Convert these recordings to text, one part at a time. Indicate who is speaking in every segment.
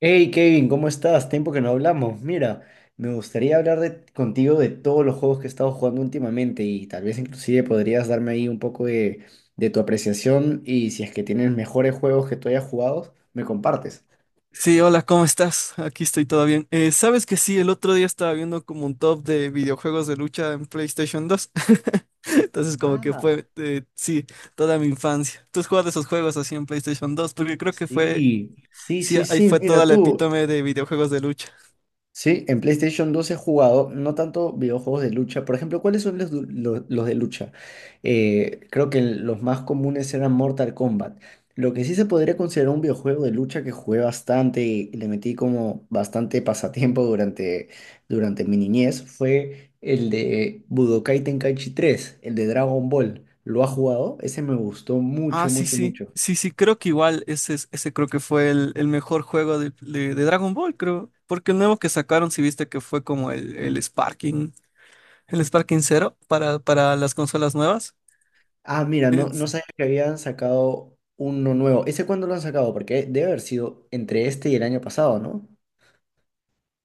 Speaker 1: Hey Kevin, ¿cómo estás? Tiempo que no hablamos. Mira, me gustaría contigo de todos los juegos que he estado jugando últimamente y tal vez inclusive podrías darme ahí un poco de tu apreciación y si es que tienes mejores juegos que tú hayas jugado, me compartes.
Speaker 2: Sí, hola, ¿cómo estás? Aquí estoy todo bien. ¿Sabes que sí? El otro día estaba viendo como un top de videojuegos de lucha en PlayStation 2. Entonces, como que
Speaker 1: Ah,
Speaker 2: fue, sí, toda mi infancia. ¿Tú has jugado esos juegos así en PlayStation 2? Porque creo que fue,
Speaker 1: sí, sí,
Speaker 2: sí,
Speaker 1: sí,
Speaker 2: ahí
Speaker 1: sí,
Speaker 2: fue
Speaker 1: mira
Speaker 2: toda la
Speaker 1: tú.
Speaker 2: epítome de videojuegos de lucha.
Speaker 1: Sí, en PlayStation 2 he jugado no tanto videojuegos de lucha. Por ejemplo, ¿cuáles son los de lucha? Creo que los más comunes eran Mortal Kombat. Lo que sí se podría considerar un videojuego de lucha que jugué bastante y le metí como bastante pasatiempo durante mi niñez fue el de Budokai Tenkaichi 3, el de Dragon Ball. ¿Lo ha jugado? Ese me gustó
Speaker 2: Ah,
Speaker 1: mucho,
Speaker 2: sí,
Speaker 1: mucho,
Speaker 2: sí,
Speaker 1: mucho.
Speaker 2: sí, sí, creo que igual ese, ese creo que fue el mejor juego de Dragon Ball, creo. Porque el nuevo que sacaron, si viste que fue como el Sparking Zero para las consolas nuevas.
Speaker 1: Ah, mira,
Speaker 2: eh,
Speaker 1: no, no sabía que habían sacado uno nuevo. ¿Ese cuándo lo han sacado? Porque debe haber sido entre este y el año pasado, ¿no?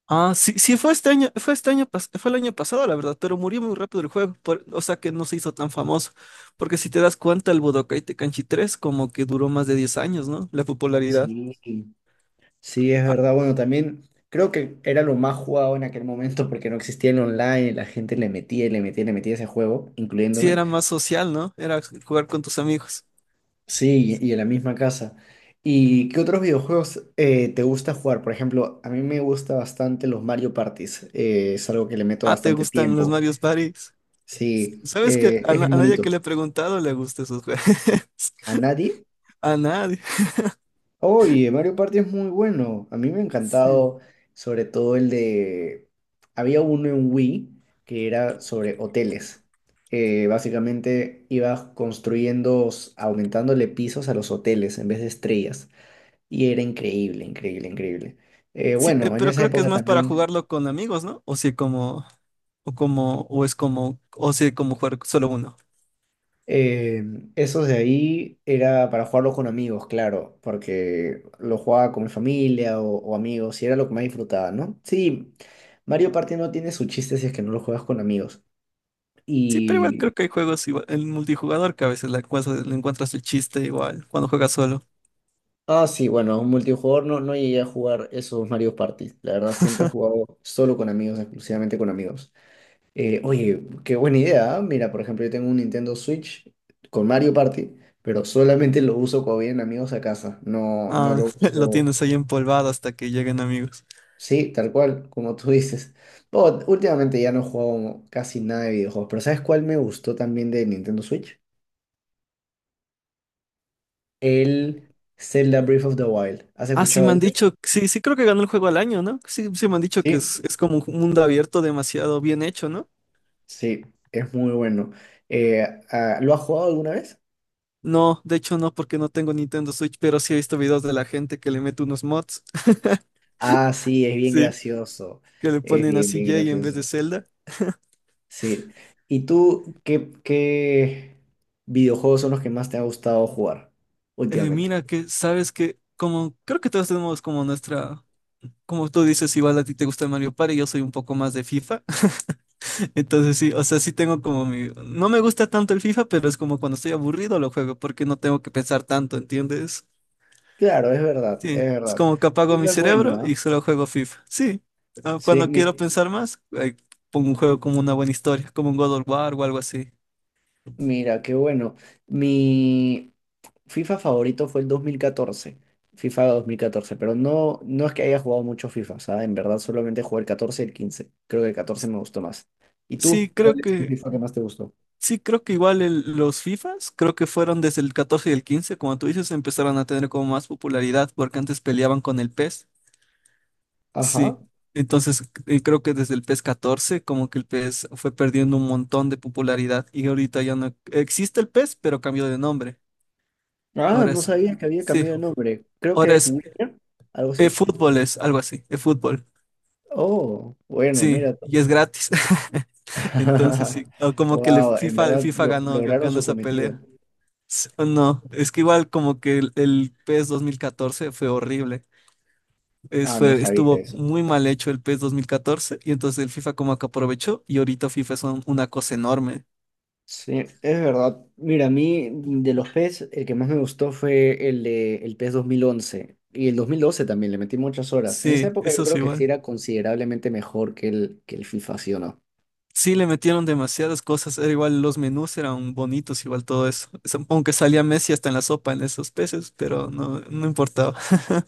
Speaker 2: Ah, sí, sí, fue este año, fue este año, fue el año pasado, la verdad, pero murió muy rápido el juego, o sea que no se hizo tan famoso, porque si te das cuenta, el Budokai Tenkaichi 3 como que duró más de 10 años, ¿no? La popularidad.
Speaker 1: Sí. Sí, es
Speaker 2: Ah,
Speaker 1: verdad. Bueno, también creo que era lo más jugado en aquel momento porque no existía el online, y la gente le metía y le metía y le metía ese juego,
Speaker 2: sí,
Speaker 1: incluyéndome.
Speaker 2: era más social, ¿no? Era jugar con tus amigos.
Speaker 1: Sí, y en la misma casa. ¿Y qué otros videojuegos te gusta jugar? Por ejemplo, a mí me gusta bastante los Mario Parties. Es algo que le meto
Speaker 2: Ah, ¿te
Speaker 1: bastante
Speaker 2: gustan los
Speaker 1: tiempo.
Speaker 2: Mario Party?
Speaker 1: Sí,
Speaker 2: ¿Sabes que
Speaker 1: es bien
Speaker 2: a nadie que
Speaker 1: bonito.
Speaker 2: le he preguntado le gustan esos juegos?
Speaker 1: ¿A nadie?
Speaker 2: A nadie.
Speaker 1: Oye, Mario Party es muy bueno. A mí me ha
Speaker 2: Sí.
Speaker 1: encantado, sobre todo el de... Había uno en Wii que era sobre hoteles. Básicamente ibas aumentándole pisos a los hoteles en vez de estrellas. Y era increíble, increíble, increíble.
Speaker 2: Sí,
Speaker 1: Bueno, en
Speaker 2: pero
Speaker 1: esa
Speaker 2: creo que es
Speaker 1: época
Speaker 2: más para
Speaker 1: también...
Speaker 2: jugarlo con amigos, ¿no? O si como jugar solo uno.
Speaker 1: Eh, Esos de ahí era para jugarlos con amigos, claro, porque lo jugaba con mi familia o amigos y era lo que más disfrutaba, ¿no? Sí, Mario Party no tiene su chiste si es que no lo juegas con amigos.
Speaker 2: Sí, pero igual
Speaker 1: Y...
Speaker 2: creo que hay juegos igual, el multijugador que a veces le encuentras el chiste igual cuando juegas solo.
Speaker 1: Ah, sí, bueno, un multijugador no, no llegué a jugar esos Mario Party. La verdad, siempre he jugado solo con amigos, exclusivamente con amigos. Oye, qué buena idea. ¿Ah? Mira, por ejemplo, yo tengo un Nintendo Switch con Mario Party, pero solamente lo uso cuando vienen amigos a casa. No, no
Speaker 2: Ah,
Speaker 1: lo
Speaker 2: lo
Speaker 1: uso.
Speaker 2: tienes ahí empolvado hasta que lleguen amigos.
Speaker 1: Sí, tal cual, como tú dices. Oh, últimamente ya no juego casi nada de videojuegos, pero ¿sabes cuál me gustó también de Nintendo Switch? El Zelda Breath of the Wild. ¿Has
Speaker 2: Ah, sí
Speaker 1: escuchado
Speaker 2: me
Speaker 1: de
Speaker 2: han
Speaker 1: ese?
Speaker 2: dicho, sí, sí creo que ganó el juego al año, ¿no? Sí, sí me han dicho que es,
Speaker 1: Sí,
Speaker 2: es como un mundo abierto demasiado bien hecho, ¿no?
Speaker 1: sí, es muy bueno. Eh, ¿Lo has jugado alguna vez?
Speaker 2: No, de hecho no, porque no tengo Nintendo Switch, pero sí he visto videos de la gente que le mete unos mods,
Speaker 1: Ah, sí, es bien
Speaker 2: sí,
Speaker 1: gracioso.
Speaker 2: que le
Speaker 1: Es
Speaker 2: ponen a
Speaker 1: bien, bien
Speaker 2: CJ en vez de
Speaker 1: gracioso.
Speaker 2: Zelda.
Speaker 1: Sí. ¿Y tú qué videojuegos son los que más te ha gustado jugar
Speaker 2: Eh,
Speaker 1: últimamente?
Speaker 2: mira que, sabes que, como, creo que todos tenemos como nuestra, como tú dices, igual a ti te gusta Mario Party, yo soy un poco más de FIFA. Entonces sí, o sea, sí tengo como mi, no me gusta tanto el FIFA, pero es como cuando estoy aburrido lo juego, porque no tengo que pensar tanto, ¿entiendes?
Speaker 1: Claro, es verdad,
Speaker 2: Sí,
Speaker 1: es
Speaker 2: es
Speaker 1: verdad.
Speaker 2: como que apago mi
Speaker 1: FIFA es bueno,
Speaker 2: cerebro y
Speaker 1: ¿ah?
Speaker 2: solo juego FIFA. Sí,
Speaker 1: Sí,
Speaker 2: cuando
Speaker 1: mi,
Speaker 2: quiero pensar más, pongo un juego como una buena historia, como un God of War o algo así.
Speaker 1: Mira, qué bueno. Mi FIFA favorito fue el 2014, FIFA 2014. Pero no, no es que haya jugado mucho FIFA, o sea, en verdad solamente jugué el 14 y el 15. Creo que el 14 me gustó más. ¿Y
Speaker 2: Sí,
Speaker 1: tú? ¿Cuál
Speaker 2: creo
Speaker 1: es tu
Speaker 2: que,
Speaker 1: FIFA que más te gustó?
Speaker 2: sí, creo que igual los FIFAs, creo que fueron desde el 14 y el 15, como tú dices, empezaron a tener como más popularidad porque antes peleaban con el PES. Sí,
Speaker 1: Ajá.
Speaker 2: entonces creo que desde el PES 14 como que el PES fue perdiendo un montón de popularidad y ahorita ya no existe el PES, pero cambió de nombre.
Speaker 1: Ah,
Speaker 2: Ahora
Speaker 1: no
Speaker 2: es,
Speaker 1: sabía que había
Speaker 2: sí,
Speaker 1: cambiado de nombre. Creo que
Speaker 2: ahora
Speaker 1: es
Speaker 2: es
Speaker 1: Winner, algo así.
Speaker 2: e-fútbol, es algo así, e-fútbol.
Speaker 1: Oh, bueno,
Speaker 2: Sí,
Speaker 1: mira.
Speaker 2: y es gratis. Entonces sí, o como que el
Speaker 1: Wow, en
Speaker 2: FIFA,
Speaker 1: verdad
Speaker 2: FIFA ganó,
Speaker 1: lograron
Speaker 2: ganó
Speaker 1: su
Speaker 2: esa
Speaker 1: cometido.
Speaker 2: pelea. S- o No, es que igual como que el PES 2014 fue horrible.
Speaker 1: Ah, no sabía
Speaker 2: Estuvo
Speaker 1: eso.
Speaker 2: muy mal hecho el PES 2014 y entonces el FIFA como que aprovechó y ahorita FIFA es una cosa enorme.
Speaker 1: Sí, es verdad. Mira, a mí de los PES, el que más me gustó fue el de el PES 2011. Y el 2012 también, le metí muchas horas. En esa
Speaker 2: Sí,
Speaker 1: época yo
Speaker 2: eso es
Speaker 1: creo que sí
Speaker 2: igual.
Speaker 1: era considerablemente mejor que que el FIFA, ¿sí o no?
Speaker 2: Sí, le metieron demasiadas cosas, era igual los menús eran bonitos, igual todo eso. Supongo que salía Messi hasta en la sopa en esos peces, pero no, no importaba.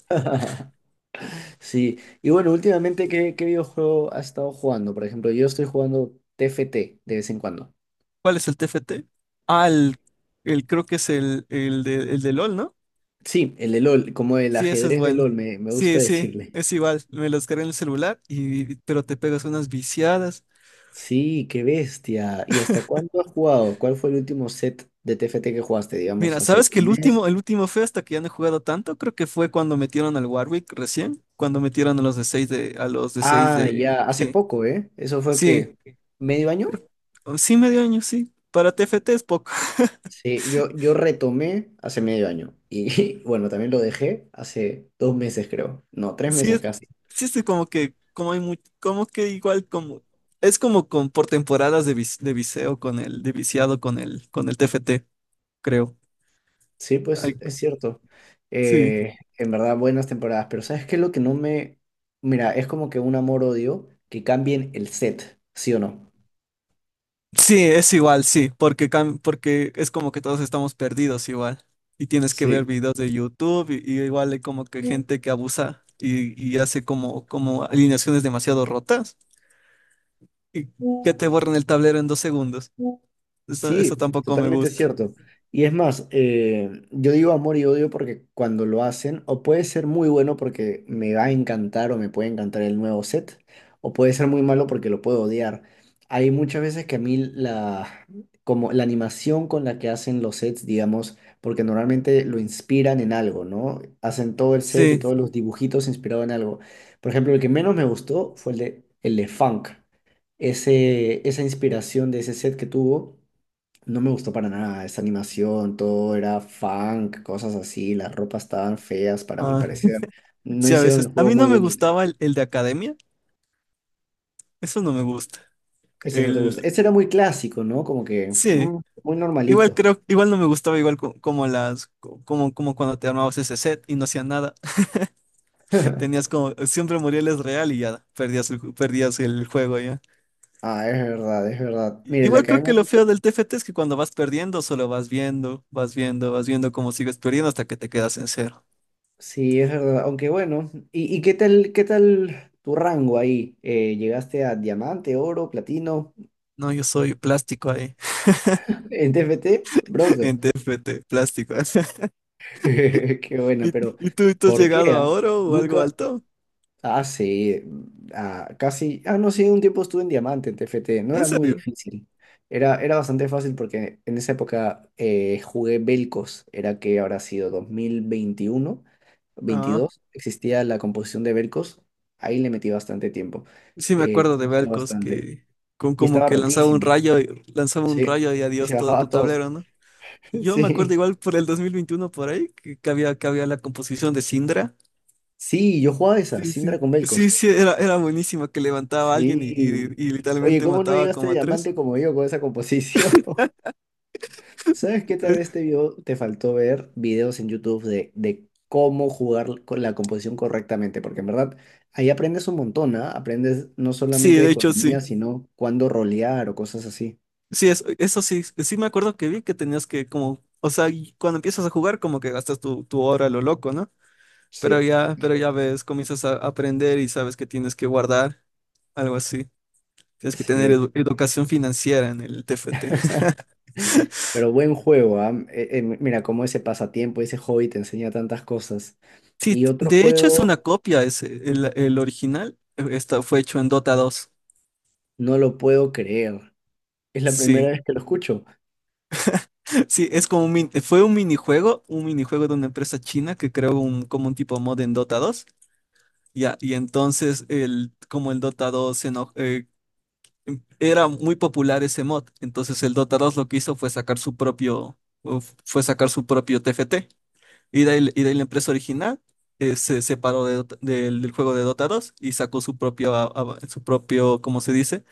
Speaker 1: Sí, y bueno, últimamente, qué videojuego has estado jugando? Por ejemplo, yo estoy jugando TFT de vez en cuando.
Speaker 2: ¿Cuál es el TFT? Ah, creo que es el de LOL, ¿no?
Speaker 1: Sí, el de LOL, como el
Speaker 2: Sí, ese es
Speaker 1: ajedrez de
Speaker 2: bueno.
Speaker 1: LOL, me gusta
Speaker 2: Sí, sí,
Speaker 1: decirle.
Speaker 2: es igual. Me lo descargué en el celular y pero te pegas unas viciadas.
Speaker 1: Sí, qué bestia. ¿Y hasta cuándo has jugado? ¿Cuál fue el último set de TFT que jugaste, digamos,
Speaker 2: Mira,
Speaker 1: hace
Speaker 2: ¿sabes que
Speaker 1: un
Speaker 2: el
Speaker 1: mes?
Speaker 2: último, el último fue hasta que ya no he jugado tanto? Creo que fue cuando metieron al Warwick recién, cuando metieron a los de 6
Speaker 1: Ah,
Speaker 2: de.
Speaker 1: ya, hace
Speaker 2: Sí.
Speaker 1: poco, ¿eh? Eso fue
Speaker 2: Sí.
Speaker 1: que medio año.
Speaker 2: Sí, medio año, sí. Para TFT es poco.
Speaker 1: Sí, yo retomé hace medio año. Y bueno, también lo dejé hace dos meses, creo. No, tres
Speaker 2: Sí,
Speaker 1: meses casi.
Speaker 2: sí es como que, como hay como que igual como, es como con por temporadas de, de viseo con el, de viciado con el TFT, creo.
Speaker 1: Sí,
Speaker 2: Ay,
Speaker 1: pues es cierto. Eh,
Speaker 2: sí.
Speaker 1: en verdad, buenas temporadas. Pero ¿sabes qué? Lo que no me... Mira, es como que un amor-odio que cambien el set, ¿sí o no?
Speaker 2: Sí, es igual, sí, porque, porque es como que todos estamos perdidos igual. Y tienes que ver
Speaker 1: Sí.
Speaker 2: videos de YouTube y igual hay como que gente que abusa y hace como alineaciones demasiado rotas y que te borran el tablero en 2 segundos. Eso,
Speaker 1: Sí,
Speaker 2: eso tampoco me
Speaker 1: totalmente
Speaker 2: gusta.
Speaker 1: cierto. Y es más, yo digo amor y odio porque cuando lo hacen, o puede ser muy bueno porque me va a encantar o me puede encantar el nuevo set, o puede ser muy malo porque lo puedo odiar. Hay muchas veces que a mí como la animación con la que hacen los sets, digamos, porque normalmente lo inspiran en algo, ¿no? Hacen todo el set y
Speaker 2: Sí.
Speaker 1: todos los dibujitos inspirados en algo. Por ejemplo, el que menos me gustó fue el de Funk, esa inspiración de ese set que tuvo. No me gustó para nada esa animación, todo era funk, cosas así, las ropas estaban feas para mi
Speaker 2: ah,
Speaker 1: parecer. No
Speaker 2: Sí, a
Speaker 1: hicieron el
Speaker 2: veces. A
Speaker 1: juego
Speaker 2: mí
Speaker 1: muy
Speaker 2: no me
Speaker 1: bonito.
Speaker 2: gustaba el de academia. Eso no me gusta.
Speaker 1: Ese no te gusta.
Speaker 2: El...
Speaker 1: Ese era muy clásico, ¿no? Como que
Speaker 2: Sí.
Speaker 1: muy normalito.
Speaker 2: Igual no me gustaba igual como las, como, como cuando te armabas ese set y no hacían nada. Tenías como, siempre Muriel es real y ya perdías perdías el juego ya.
Speaker 1: Ah, es verdad, es verdad. Mire, la
Speaker 2: Igual creo que
Speaker 1: academia,
Speaker 2: lo feo del TFT es que cuando vas perdiendo, solo vas viendo, vas viendo, vas viendo cómo sigues perdiendo hasta que te quedas en cero.
Speaker 1: sí, es verdad. Aunque bueno, y qué tal tu rango ahí? ¿Llegaste a diamante, oro, platino,
Speaker 2: No, yo soy plástico ahí,
Speaker 1: en TFT bronce?
Speaker 2: en TFT, plástico.
Speaker 1: Qué buena,
Speaker 2: ¿Y,
Speaker 1: pero
Speaker 2: y tú has
Speaker 1: ¿por qué,
Speaker 2: llegado a
Speaker 1: ah?
Speaker 2: oro o algo
Speaker 1: Nunca,
Speaker 2: alto?
Speaker 1: Ah, sí, ah, casi, ah, no, sí, un tiempo estuve en Diamante, en TFT no
Speaker 2: ¿En
Speaker 1: era muy
Speaker 2: serio?
Speaker 1: difícil, era bastante fácil porque en esa época jugué Belcos, era que habrá sido 2021 22 existía la composición de Belcos, ahí le metí bastante tiempo,
Speaker 2: Sí, me
Speaker 1: me
Speaker 2: acuerdo de
Speaker 1: gustó
Speaker 2: Velcos
Speaker 1: bastante,
Speaker 2: que con
Speaker 1: y
Speaker 2: como
Speaker 1: estaba
Speaker 2: que lanzaba un
Speaker 1: rotísimo,
Speaker 2: rayo, lanzaba un
Speaker 1: sí,
Speaker 2: rayo y
Speaker 1: y se
Speaker 2: adiós todo
Speaker 1: bajaba
Speaker 2: tu
Speaker 1: a todos,
Speaker 2: tablero, ¿no? Yo me acuerdo
Speaker 1: sí,
Speaker 2: igual por el 2021 por ahí, que había la composición de Syndra.
Speaker 1: sí, yo jugaba esa,
Speaker 2: Sí, sí.
Speaker 1: Syndra con
Speaker 2: Sí,
Speaker 1: Belcos,
Speaker 2: sí, era buenísima que levantaba a alguien y, y-
Speaker 1: sí,
Speaker 2: y
Speaker 1: oye,
Speaker 2: literalmente
Speaker 1: ¿cómo no
Speaker 2: mataba
Speaker 1: llegaste a
Speaker 2: como a tres.
Speaker 1: Diamante como yo con esa composición? ¿Sabes qué? Tal vez te faltó ver videos en YouTube de cómo jugar con la composición correctamente, porque en verdad ahí aprendes un montón, ¿ah? Aprendes no
Speaker 2: Sí,
Speaker 1: solamente de
Speaker 2: de hecho
Speaker 1: economía,
Speaker 2: sí.
Speaker 1: sino cuándo rolear o cosas así.
Speaker 2: Sí, eso sí, sí me acuerdo que vi que tenías que como, o sea, y cuando empiezas a jugar como que gastas tu hora a lo loco, ¿no?
Speaker 1: Sí,
Speaker 2: Pero ya ves, comienzas a aprender y sabes que tienes que guardar, algo así. Tienes que tener
Speaker 1: sí.
Speaker 2: educación financiera en el TFT.
Speaker 1: Pero buen juego, ¿ah? Mira, cómo ese pasatiempo, ese hobby te enseña tantas cosas.
Speaker 2: Sí,
Speaker 1: Y
Speaker 2: sí,
Speaker 1: otro
Speaker 2: de hecho es
Speaker 1: juego,
Speaker 2: una copia ese. El original fue hecho en Dota 2.
Speaker 1: no lo puedo creer. Es la
Speaker 2: Sí,
Speaker 1: primera vez que lo escucho.
Speaker 2: sí, es como fue un minijuego, de una empresa china que creó como un tipo mod en Dota 2. Ya, y entonces el Dota 2 se era muy popular ese mod, entonces el Dota 2 lo que hizo fue sacar su propio TFT. Y de ahí la empresa original se separó de del juego de Dota 2 y sacó su propio, su propio, ¿cómo se dice?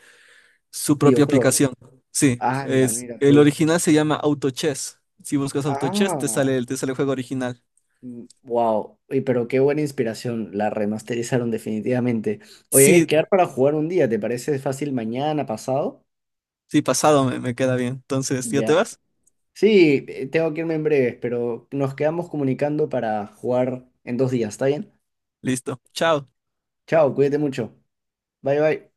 Speaker 2: Su propia
Speaker 1: Videojuego.
Speaker 2: aplicación. Sí,
Speaker 1: Ah, la mira
Speaker 2: el
Speaker 1: tú.
Speaker 2: original se llama AutoChess. Si buscas AutoChess,
Speaker 1: Ah.
Speaker 2: te sale el juego original.
Speaker 1: Wow, pero qué buena inspiración, la remasterizaron definitivamente. Oye, hay que
Speaker 2: Sí,
Speaker 1: quedar para jugar un día, ¿te parece fácil mañana, pasado?
Speaker 2: sí, pasado me queda bien. Entonces, ¿ya te
Speaker 1: Ya.
Speaker 2: vas?
Speaker 1: Sí, tengo que irme en breves, pero nos quedamos comunicando para jugar en 2 días, ¿está bien?
Speaker 2: Listo. Chao.
Speaker 1: Chao, cuídate mucho. Bye bye.